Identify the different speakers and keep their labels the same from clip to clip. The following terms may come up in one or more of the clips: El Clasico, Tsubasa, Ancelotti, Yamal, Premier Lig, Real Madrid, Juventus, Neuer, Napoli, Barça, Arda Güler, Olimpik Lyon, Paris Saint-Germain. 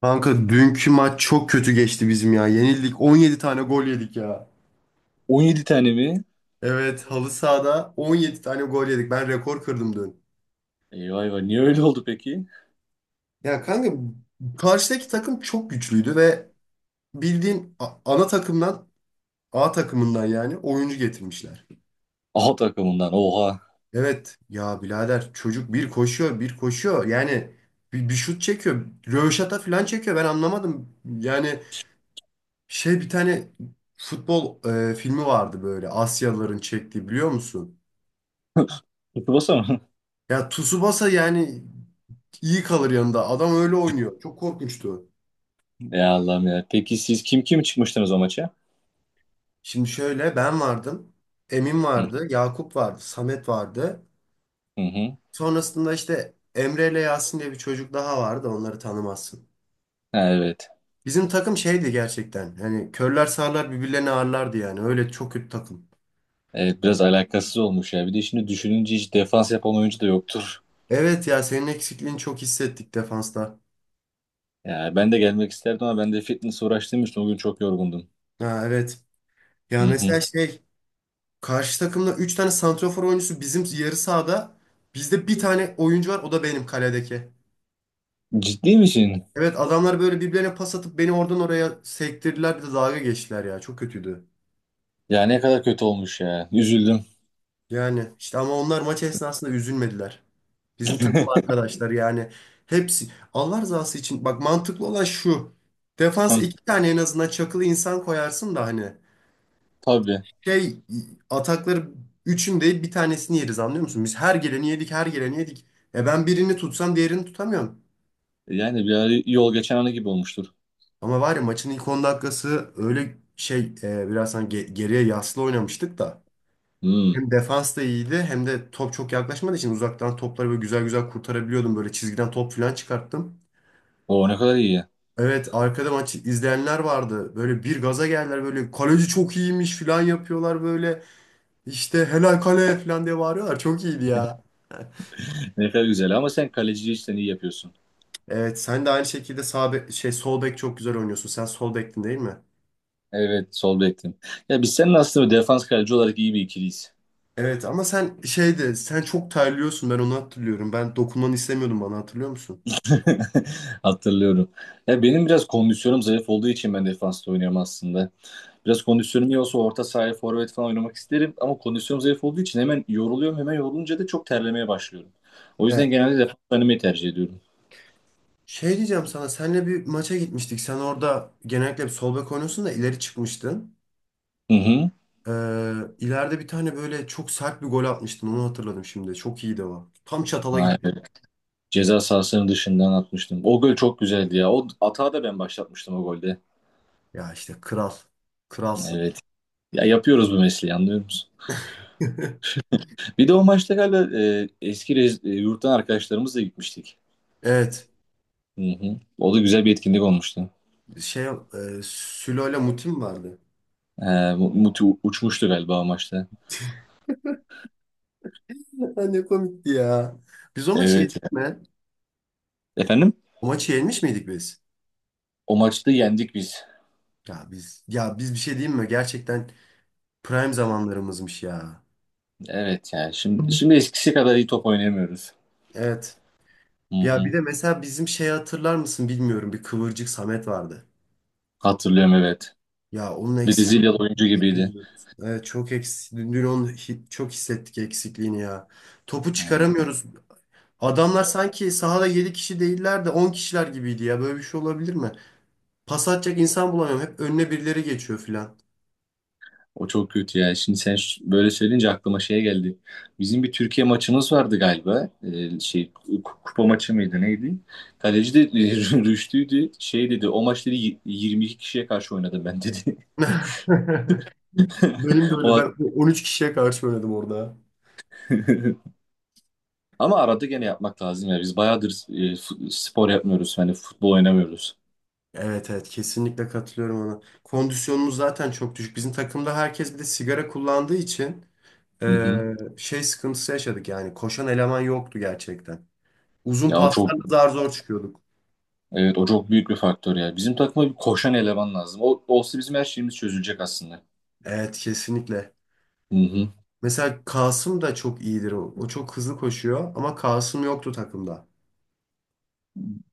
Speaker 1: Kanka dünkü maç çok kötü geçti bizim ya. Yenildik. 17 tane gol yedik ya.
Speaker 2: 17 tane mi?
Speaker 1: Evet halı sahada 17 tane gol yedik. Ben rekor kırdım dün.
Speaker 2: Eyvah eyvah, niye öyle oldu peki?
Speaker 1: Ya kanka karşıdaki takım çok güçlüydü ve bildiğin ana takımdan A takımından yani oyuncu getirmişler.
Speaker 2: A takımından, oha.
Speaker 1: Evet ya birader çocuk bir koşuyor bir koşuyor. Yani bir şut çekiyor. Röveşata falan çekiyor. Ben anlamadım. Yani şey bir tane futbol filmi vardı böyle Asyalıların çektiği biliyor musun?
Speaker 2: Tsubasa mı?
Speaker 1: Ya Tsubasa yani iyi kalır yanında. Adam öyle oynuyor. Çok korkunçtu.
Speaker 2: Ya Allah'ım ya. Peki siz kim kim çıkmıştınız o maça?
Speaker 1: Şimdi şöyle ben vardım. Emin
Speaker 2: Hı
Speaker 1: vardı. Yakup vardı. Samet vardı.
Speaker 2: hı. hı.
Speaker 1: Sonrasında işte Emre ile Yasin diye bir çocuk daha vardı. Onları tanımazsın.
Speaker 2: Ha, evet.
Speaker 1: Bizim takım şeydi gerçekten. Hani körler sağırlar birbirlerini ağırlardı yani. Öyle çok kötü takım.
Speaker 2: Evet, biraz alakasız olmuş ya. Bir de şimdi düşününce hiç defans yapan oyuncu da yoktur.
Speaker 1: Evet ya senin eksikliğini çok hissettik defansta.
Speaker 2: Ya ben de gelmek isterdim ama ben de fitness uğraştığım için o gün çok yorgundum.
Speaker 1: Ha, evet.
Speaker 2: Hı
Speaker 1: Ya mesela
Speaker 2: hı.
Speaker 1: şey karşı takımda 3 tane santrafor oyuncusu bizim yarı sahada. Bizde bir tane oyuncu var, o da benim kaledeki.
Speaker 2: Ciddi misin?
Speaker 1: Evet, adamlar böyle birbirlerine pas atıp beni oradan oraya sektirdiler, bir de dalga geçtiler ya. Çok kötüydü.
Speaker 2: Ya ne kadar kötü olmuş ya. Üzüldüm.
Speaker 1: Yani işte ama onlar maç esnasında üzülmediler. Bizim takım arkadaşlar yani hepsi Allah rızası için, bak, mantıklı olan şu. Defans
Speaker 2: Hı,
Speaker 1: iki tane en azından çakılı insan koyarsın da hani
Speaker 2: tabii.
Speaker 1: şey atakları üçün değil bir tanesini yeriz, anlıyor musun? Biz her geleni yedik, her geleni yedik. E ben birini tutsam diğerini tutamıyorum.
Speaker 2: Yani bir ara yol geçen anı gibi olmuştur.
Speaker 1: Ama var ya, maçın ilk 10 dakikası öyle şey biraz hani geriye yaslı oynamıştık da.
Speaker 2: Hmm.
Speaker 1: Hem defans da iyiydi hem de top çok yaklaşmadığı için uzaktan topları böyle güzel güzel kurtarabiliyordum. Böyle çizgiden top falan çıkarttım.
Speaker 2: O ne kadar iyi.
Speaker 1: Evet, arkada maç izleyenler vardı. Böyle bir gaza geldiler, böyle kaleci çok iyiymiş falan yapıyorlar böyle. İşte helal kale falan diye bağırıyorlar. Çok iyiydi ya.
Speaker 2: Ne kadar güzel ama sen kaleciyi işten iyi yapıyorsun.
Speaker 1: Evet, sen de aynı şekilde şey sol bek çok güzel oynuyorsun. Sen sol bektin, değil mi?
Speaker 2: Evet, sol bektin. Ya biz senin aslında defans kaleci olarak iyi bir ikiliyiz.
Speaker 1: Evet ama sen şeydi, sen çok terliyorsun, ben onu hatırlıyorum. Ben dokunmanı istemiyordum bana, hatırlıyor musun?
Speaker 2: Hatırlıyorum. Ya benim biraz kondisyonum zayıf olduğu için ben defansta oynuyorum aslında. Biraz kondisyonum iyi olsa orta sahaya forvet falan oynamak isterim ama kondisyonum zayıf olduğu için hemen yoruluyorum. Hemen yorulunca da çok terlemeye başlıyorum. O yüzden genelde defans oynamayı tercih ediyorum.
Speaker 1: Şey diyeceğim sana, senle bir maça gitmiştik. Sen orada genellikle bir sol bek oynuyorsun da ileri çıkmıştın.
Speaker 2: Hı hı.
Speaker 1: Ee, ileride bir tane böyle çok sert bir gol atmıştın. Onu hatırladım şimdi. Çok iyiydi o. Tam çatala gitti.
Speaker 2: Aynen. Ceza sahasının dışından atmıştım. O gol çok güzeldi ya. O atağı da ben başlatmıştım o golde.
Speaker 1: Ya işte kral. Kralsın.
Speaker 2: Evet. Ya yapıyoruz bu mesleği, anlıyor musun? Bir de o maçta galiba yurttan arkadaşlarımızla gitmiştik.
Speaker 1: Evet.
Speaker 2: Hı hı. O da güzel bir etkinlik olmuştu.
Speaker 1: Şey, Sülo ile Mutim vardı.
Speaker 2: E, Muti uçmuştu galiba o maçta.
Speaker 1: Ne komikti ya. Biz o maçı
Speaker 2: Evet.
Speaker 1: yedik mi?
Speaker 2: Efendim?
Speaker 1: O maçı yenmiş miydik biz?
Speaker 2: O maçta yendik biz.
Speaker 1: Ya biz bir şey diyeyim mi? Gerçekten prime zamanlarımızmış ya.
Speaker 2: Evet yani, şimdi şimdi eskisi kadar iyi top oynayamıyoruz.
Speaker 1: Evet.
Speaker 2: Hı
Speaker 1: Ya bir
Speaker 2: hı.
Speaker 1: de mesela bizim şeyi hatırlar mısın bilmiyorum. Bir kıvırcık Samet vardı.
Speaker 2: Hatırlıyorum, evet.
Speaker 1: Ya onun eksikliğini
Speaker 2: Brezilyalı
Speaker 1: çok
Speaker 2: oyuncu gibiydi.
Speaker 1: hissediyoruz. Evet çok eksik. Dün, dün onu çok hissettik eksikliğini ya. Topu çıkaramıyoruz. Adamlar sanki sahada 7 kişi değiller de 10 kişiler gibiydi ya. Böyle bir şey olabilir mi? Pas atacak insan bulamıyorum. Hep önüne birileri geçiyor filan.
Speaker 2: O çok kötü yani. Şimdi sen böyle söyleyince aklıma şey geldi. Bizim bir Türkiye maçımız vardı galiba. Şey kupa maçı mıydı neydi? Kaleci de Rüştü'ydü. Şey dedi, o maç dedi, 22 kişiye karşı oynadım ben dedi.
Speaker 1: Benim de öyle.
Speaker 2: O
Speaker 1: Ben 13 kişiye karşı oynadım orada.
Speaker 2: ama arada gene yapmak lazım ya. Biz bayağıdır spor yapmıyoruz. Hani futbol oynamıyoruz.
Speaker 1: Evet, evet, kesinlikle katılıyorum ona. Kondisyonumuz zaten çok düşük. Bizim takımda herkes bir de sigara kullandığı için
Speaker 2: Hı hı.
Speaker 1: Şey sıkıntısı yaşadık yani, koşan eleman yoktu gerçekten. Uzun
Speaker 2: Ya o çok,
Speaker 1: paslarla zar zor çıkıyorduk.
Speaker 2: evet, o çok büyük bir faktör ya. Bizim takıma bir koşan eleman lazım. O olsa bizim her şeyimiz çözülecek aslında.
Speaker 1: Evet kesinlikle.
Speaker 2: Hı hı.
Speaker 1: Mesela Kasım da çok iyidir o. O çok hızlı koşuyor ama Kasım yoktu takımda.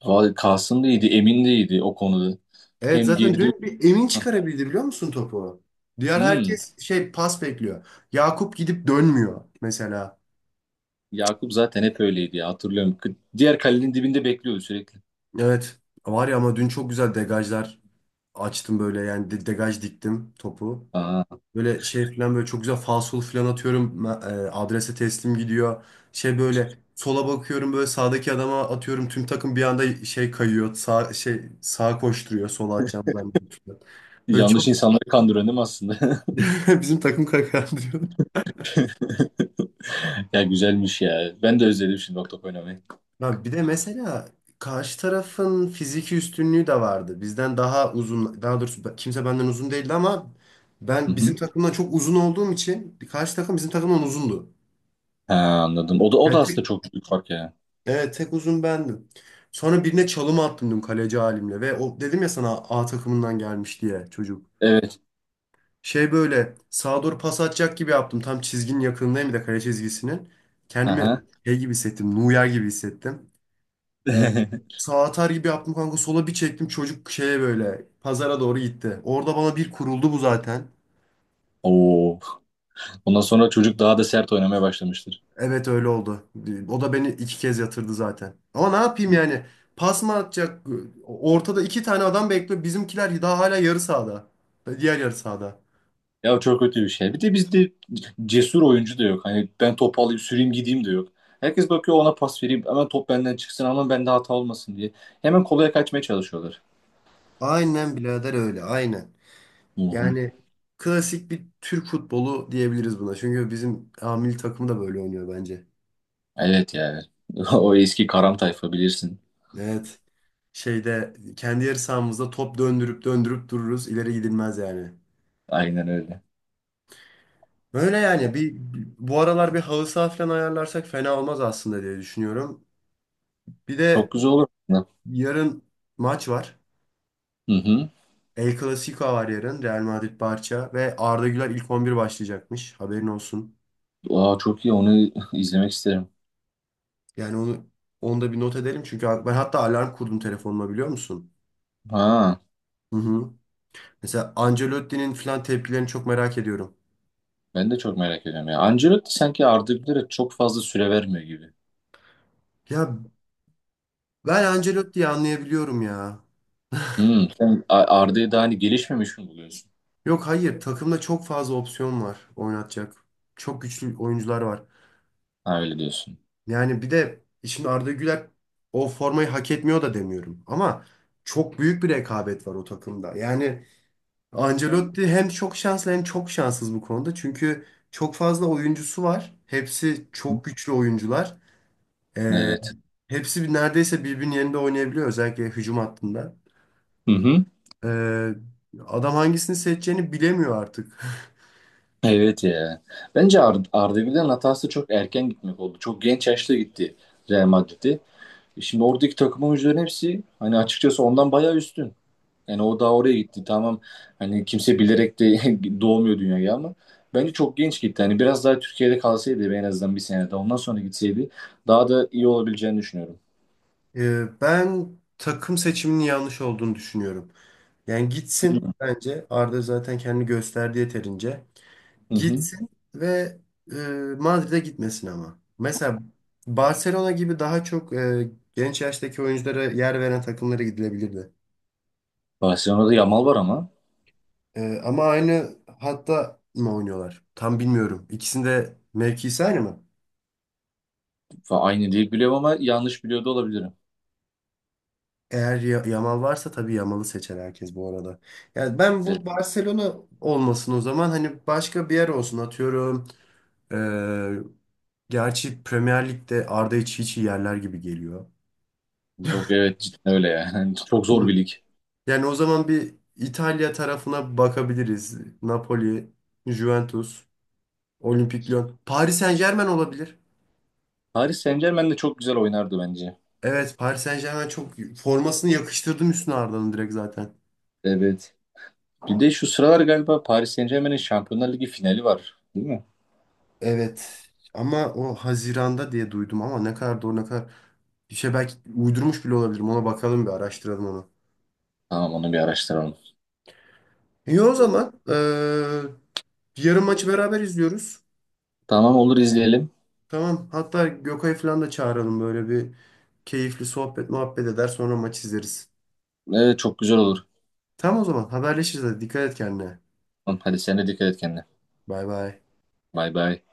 Speaker 2: Abi Kasım da iyiydi, Emin de iyiydi o konuda.
Speaker 1: Evet,
Speaker 2: Hem
Speaker 1: zaten
Speaker 2: geri dön.
Speaker 1: dün bir Emin çıkarabildi biliyor musun topu? Diğer
Speaker 2: Hmm,
Speaker 1: herkes şey pas bekliyor. Yakup gidip dönmüyor mesela.
Speaker 2: Yakup zaten hep öyleydi ya, hatırlıyorum. Diğer kalenin dibinde bekliyordu sürekli.
Speaker 1: Evet, var ya, ama dün çok güzel degajlar açtım, böyle yani degaj diktim topu.
Speaker 2: Aa,
Speaker 1: Böyle şey falan, böyle çok güzel falsolu falan atıyorum. Adrese teslim gidiyor. Şey böyle sola bakıyorum, böyle sağdaki adama atıyorum. Tüm takım bir anda şey kayıyor. Sağ şey, sağa koşturuyor. Sola atacağım zannediyor. Böyle çok
Speaker 2: yanlış insanları kandıran değil mi aslında?
Speaker 1: bizim takım kakar diyor.
Speaker 2: Ya güzelmiş ya. Ben de özledim şimdi Octop oynamayı.
Speaker 1: Ya bir de mesela karşı tarafın fiziki üstünlüğü de vardı. Bizden daha uzun, daha doğrusu kimse benden uzun değildi ama
Speaker 2: Hı
Speaker 1: ben bizim
Speaker 2: hı.
Speaker 1: takımdan çok uzun olduğum için karşı takım bizim takımdan uzundu.
Speaker 2: Ha, anladım. O da, o da
Speaker 1: Yani
Speaker 2: aslında çok büyük fark ya.
Speaker 1: evet, tek uzun bendim. Sonra birine çalım attım dün, kaleci halimle, ve o dedim ya sana A takımından gelmiş diye çocuk.
Speaker 2: Evet.
Speaker 1: Şey böyle sağa doğru pas atacak gibi yaptım. Tam çizginin yakınındayım, bir de kale çizgisinin. Kendimi
Speaker 2: Aha.
Speaker 1: şey gibi hissettim. Neuer gibi hissettim. Ee, sağa atar gibi yaptım kanka, sola bir çektim, çocuk şeye böyle pazara doğru gitti. Orada bana bir kuruldu bu zaten.
Speaker 2: Oo. Ondan sonra çocuk daha da sert oynamaya başlamıştır.
Speaker 1: Evet, öyle oldu. O da beni iki kez yatırdı zaten. Ama ne yapayım yani? Pas mı atacak? Ortada iki tane adam bekliyor. Bizimkiler daha hala yarı sahada. Diğer yarı sahada.
Speaker 2: Ya o çok kötü bir şey. Bir de bizde cesur oyuncu da yok. Hani ben topu alayım, süreyim, gideyim de yok. Herkes bakıyor ona pas vereyim. Hemen top benden çıksın ama bende hata olmasın diye. Hemen kolaya kaçmaya çalışıyorlar.
Speaker 1: Aynen birader, öyle. Aynen.
Speaker 2: Hı hı.
Speaker 1: Yani klasik bir Türk futbolu diyebiliriz buna. Çünkü bizim A milli takım da böyle oynuyor bence.
Speaker 2: Evet yani. O eski karam tayfa bilirsin.
Speaker 1: Evet. Şeyde kendi yarı sahamızda top döndürüp döndürüp dururuz. İleri gidilmez yani.
Speaker 2: Aynen öyle.
Speaker 1: Böyle yani bir, bu aralar bir halı saha falan ayarlarsak fena olmaz aslında diye düşünüyorum. Bir
Speaker 2: Çok
Speaker 1: de
Speaker 2: güzel olur. aslında.
Speaker 1: yarın maç var.
Speaker 2: Hı hı.
Speaker 1: El Clasico var yarın. Real Madrid, Barça, ve Arda Güler ilk 11 başlayacakmış. Haberin olsun.
Speaker 2: Aa, çok iyi, onu izlemek isterim.
Speaker 1: Yani onu da bir not edelim, çünkü ben hatta alarm kurdum telefonuma, biliyor musun?
Speaker 2: Ha,
Speaker 1: Hı hı. Mesela Ancelotti'nin falan tepkilerini çok merak ediyorum.
Speaker 2: ben de çok merak ediyorum ya. Ancelotti sanki Arda Güler'e çok fazla süre vermiyor gibi.
Speaker 1: Ya ben Ancelotti'yi anlayabiliyorum ya.
Speaker 2: Hı. Sen Arda'yı daha hani gelişmemiş mi buluyorsun?
Speaker 1: Yok hayır, takımda çok fazla opsiyon var oynatacak. Çok güçlü oyuncular var.
Speaker 2: Ha, öyle diyorsun.
Speaker 1: Yani bir de şimdi Arda Güler o formayı hak etmiyor da demiyorum. Ama çok büyük bir rekabet var o takımda. Yani Ancelotti hem çok şanslı hem çok şanssız bu konuda. Çünkü çok fazla oyuncusu var. Hepsi
Speaker 2: Hı.
Speaker 1: çok güçlü oyuncular.
Speaker 2: Evet.
Speaker 1: Hepsi neredeyse birbirinin yerinde oynayabiliyor. Özellikle hücum hattında.
Speaker 2: Hı hı.
Speaker 1: Ee, adam hangisini seçeceğini bilemiyor artık.
Speaker 2: Evet ya. Bence Arda Güler'in hatası çok erken gitmek oldu. Çok genç yaşta gitti Real Madrid'e. E şimdi oradaki takım oyuncuların hepsi hani açıkçası ondan bayağı üstün. Yani o daha oraya gitti. Tamam, hani kimse bilerek de doğmuyor dünyaya ama bence çok genç gitti. Hani biraz daha Türkiye'de kalsaydı, en azından bir sene daha ondan sonra gitseydi daha da iyi olabileceğini düşünüyorum.
Speaker 1: Ben takım seçiminin yanlış olduğunu düşünüyorum. Yani gitsin bence. Arda zaten kendini gösterdi yeterince.
Speaker 2: Hı hı.
Speaker 1: Gitsin ve e, Madrid'e gitmesin ama. Mesela Barcelona gibi daha çok genç yaştaki oyunculara yer veren takımlara gidilebilirdi.
Speaker 2: Barcelona'da Yamal var ama
Speaker 1: Ama aynı hatta mı oynuyorlar? Tam bilmiyorum. İkisinde mevkisi aynı mı?
Speaker 2: Aynı değil biliyorum ama yanlış biliyor da olabilirim.
Speaker 1: Eğer Yamal varsa tabii Yamal'ı seçer herkes bu arada. Yani ben,
Speaker 2: Evet,
Speaker 1: bu Barcelona olmasın o zaman, hani başka bir yer olsun, atıyorum. E, gerçi Premier Lig'de Arda hiç hiç iyi yerler gibi geliyor.
Speaker 2: yok evet, cidden öyle yani. Çok zor bir lig.
Speaker 1: Yani o zaman bir İtalya tarafına bakabiliriz. Napoli, Juventus, Olimpik Lyon. Paris Saint-Germain olabilir.
Speaker 2: Paris Saint-Germain de çok güzel oynardı bence.
Speaker 1: Evet, Paris Saint-Germain çok formasını yakıştırdım üstüne Arda'nın direkt zaten.
Speaker 2: Evet. Bir de şu sıralar galiba Paris Saint-Germain'in Şampiyonlar Ligi finali var. Değil mi?
Speaker 1: Evet. Ama o Haziran'da diye duydum, ama ne kadar doğru ne kadar bir şey, belki uydurmuş bile olabilirim. Ona bakalım, bir araştıralım onu.
Speaker 2: Tamam, onu bir araştıralım.
Speaker 1: İyi o zaman, yarın maçı beraber izliyoruz.
Speaker 2: Tamam, olur izleyelim.
Speaker 1: Tamam. Hatta Gökay'ı falan da çağıralım, böyle bir keyifli sohbet muhabbet eder sonra maç izleriz.
Speaker 2: Evet çok güzel olur.
Speaker 1: Tamam, o zaman haberleşiriz. Hadi. Dikkat et kendine.
Speaker 2: Tamam, hadi sen de dikkat et kendine.
Speaker 1: Bay bay.
Speaker 2: Bay bay.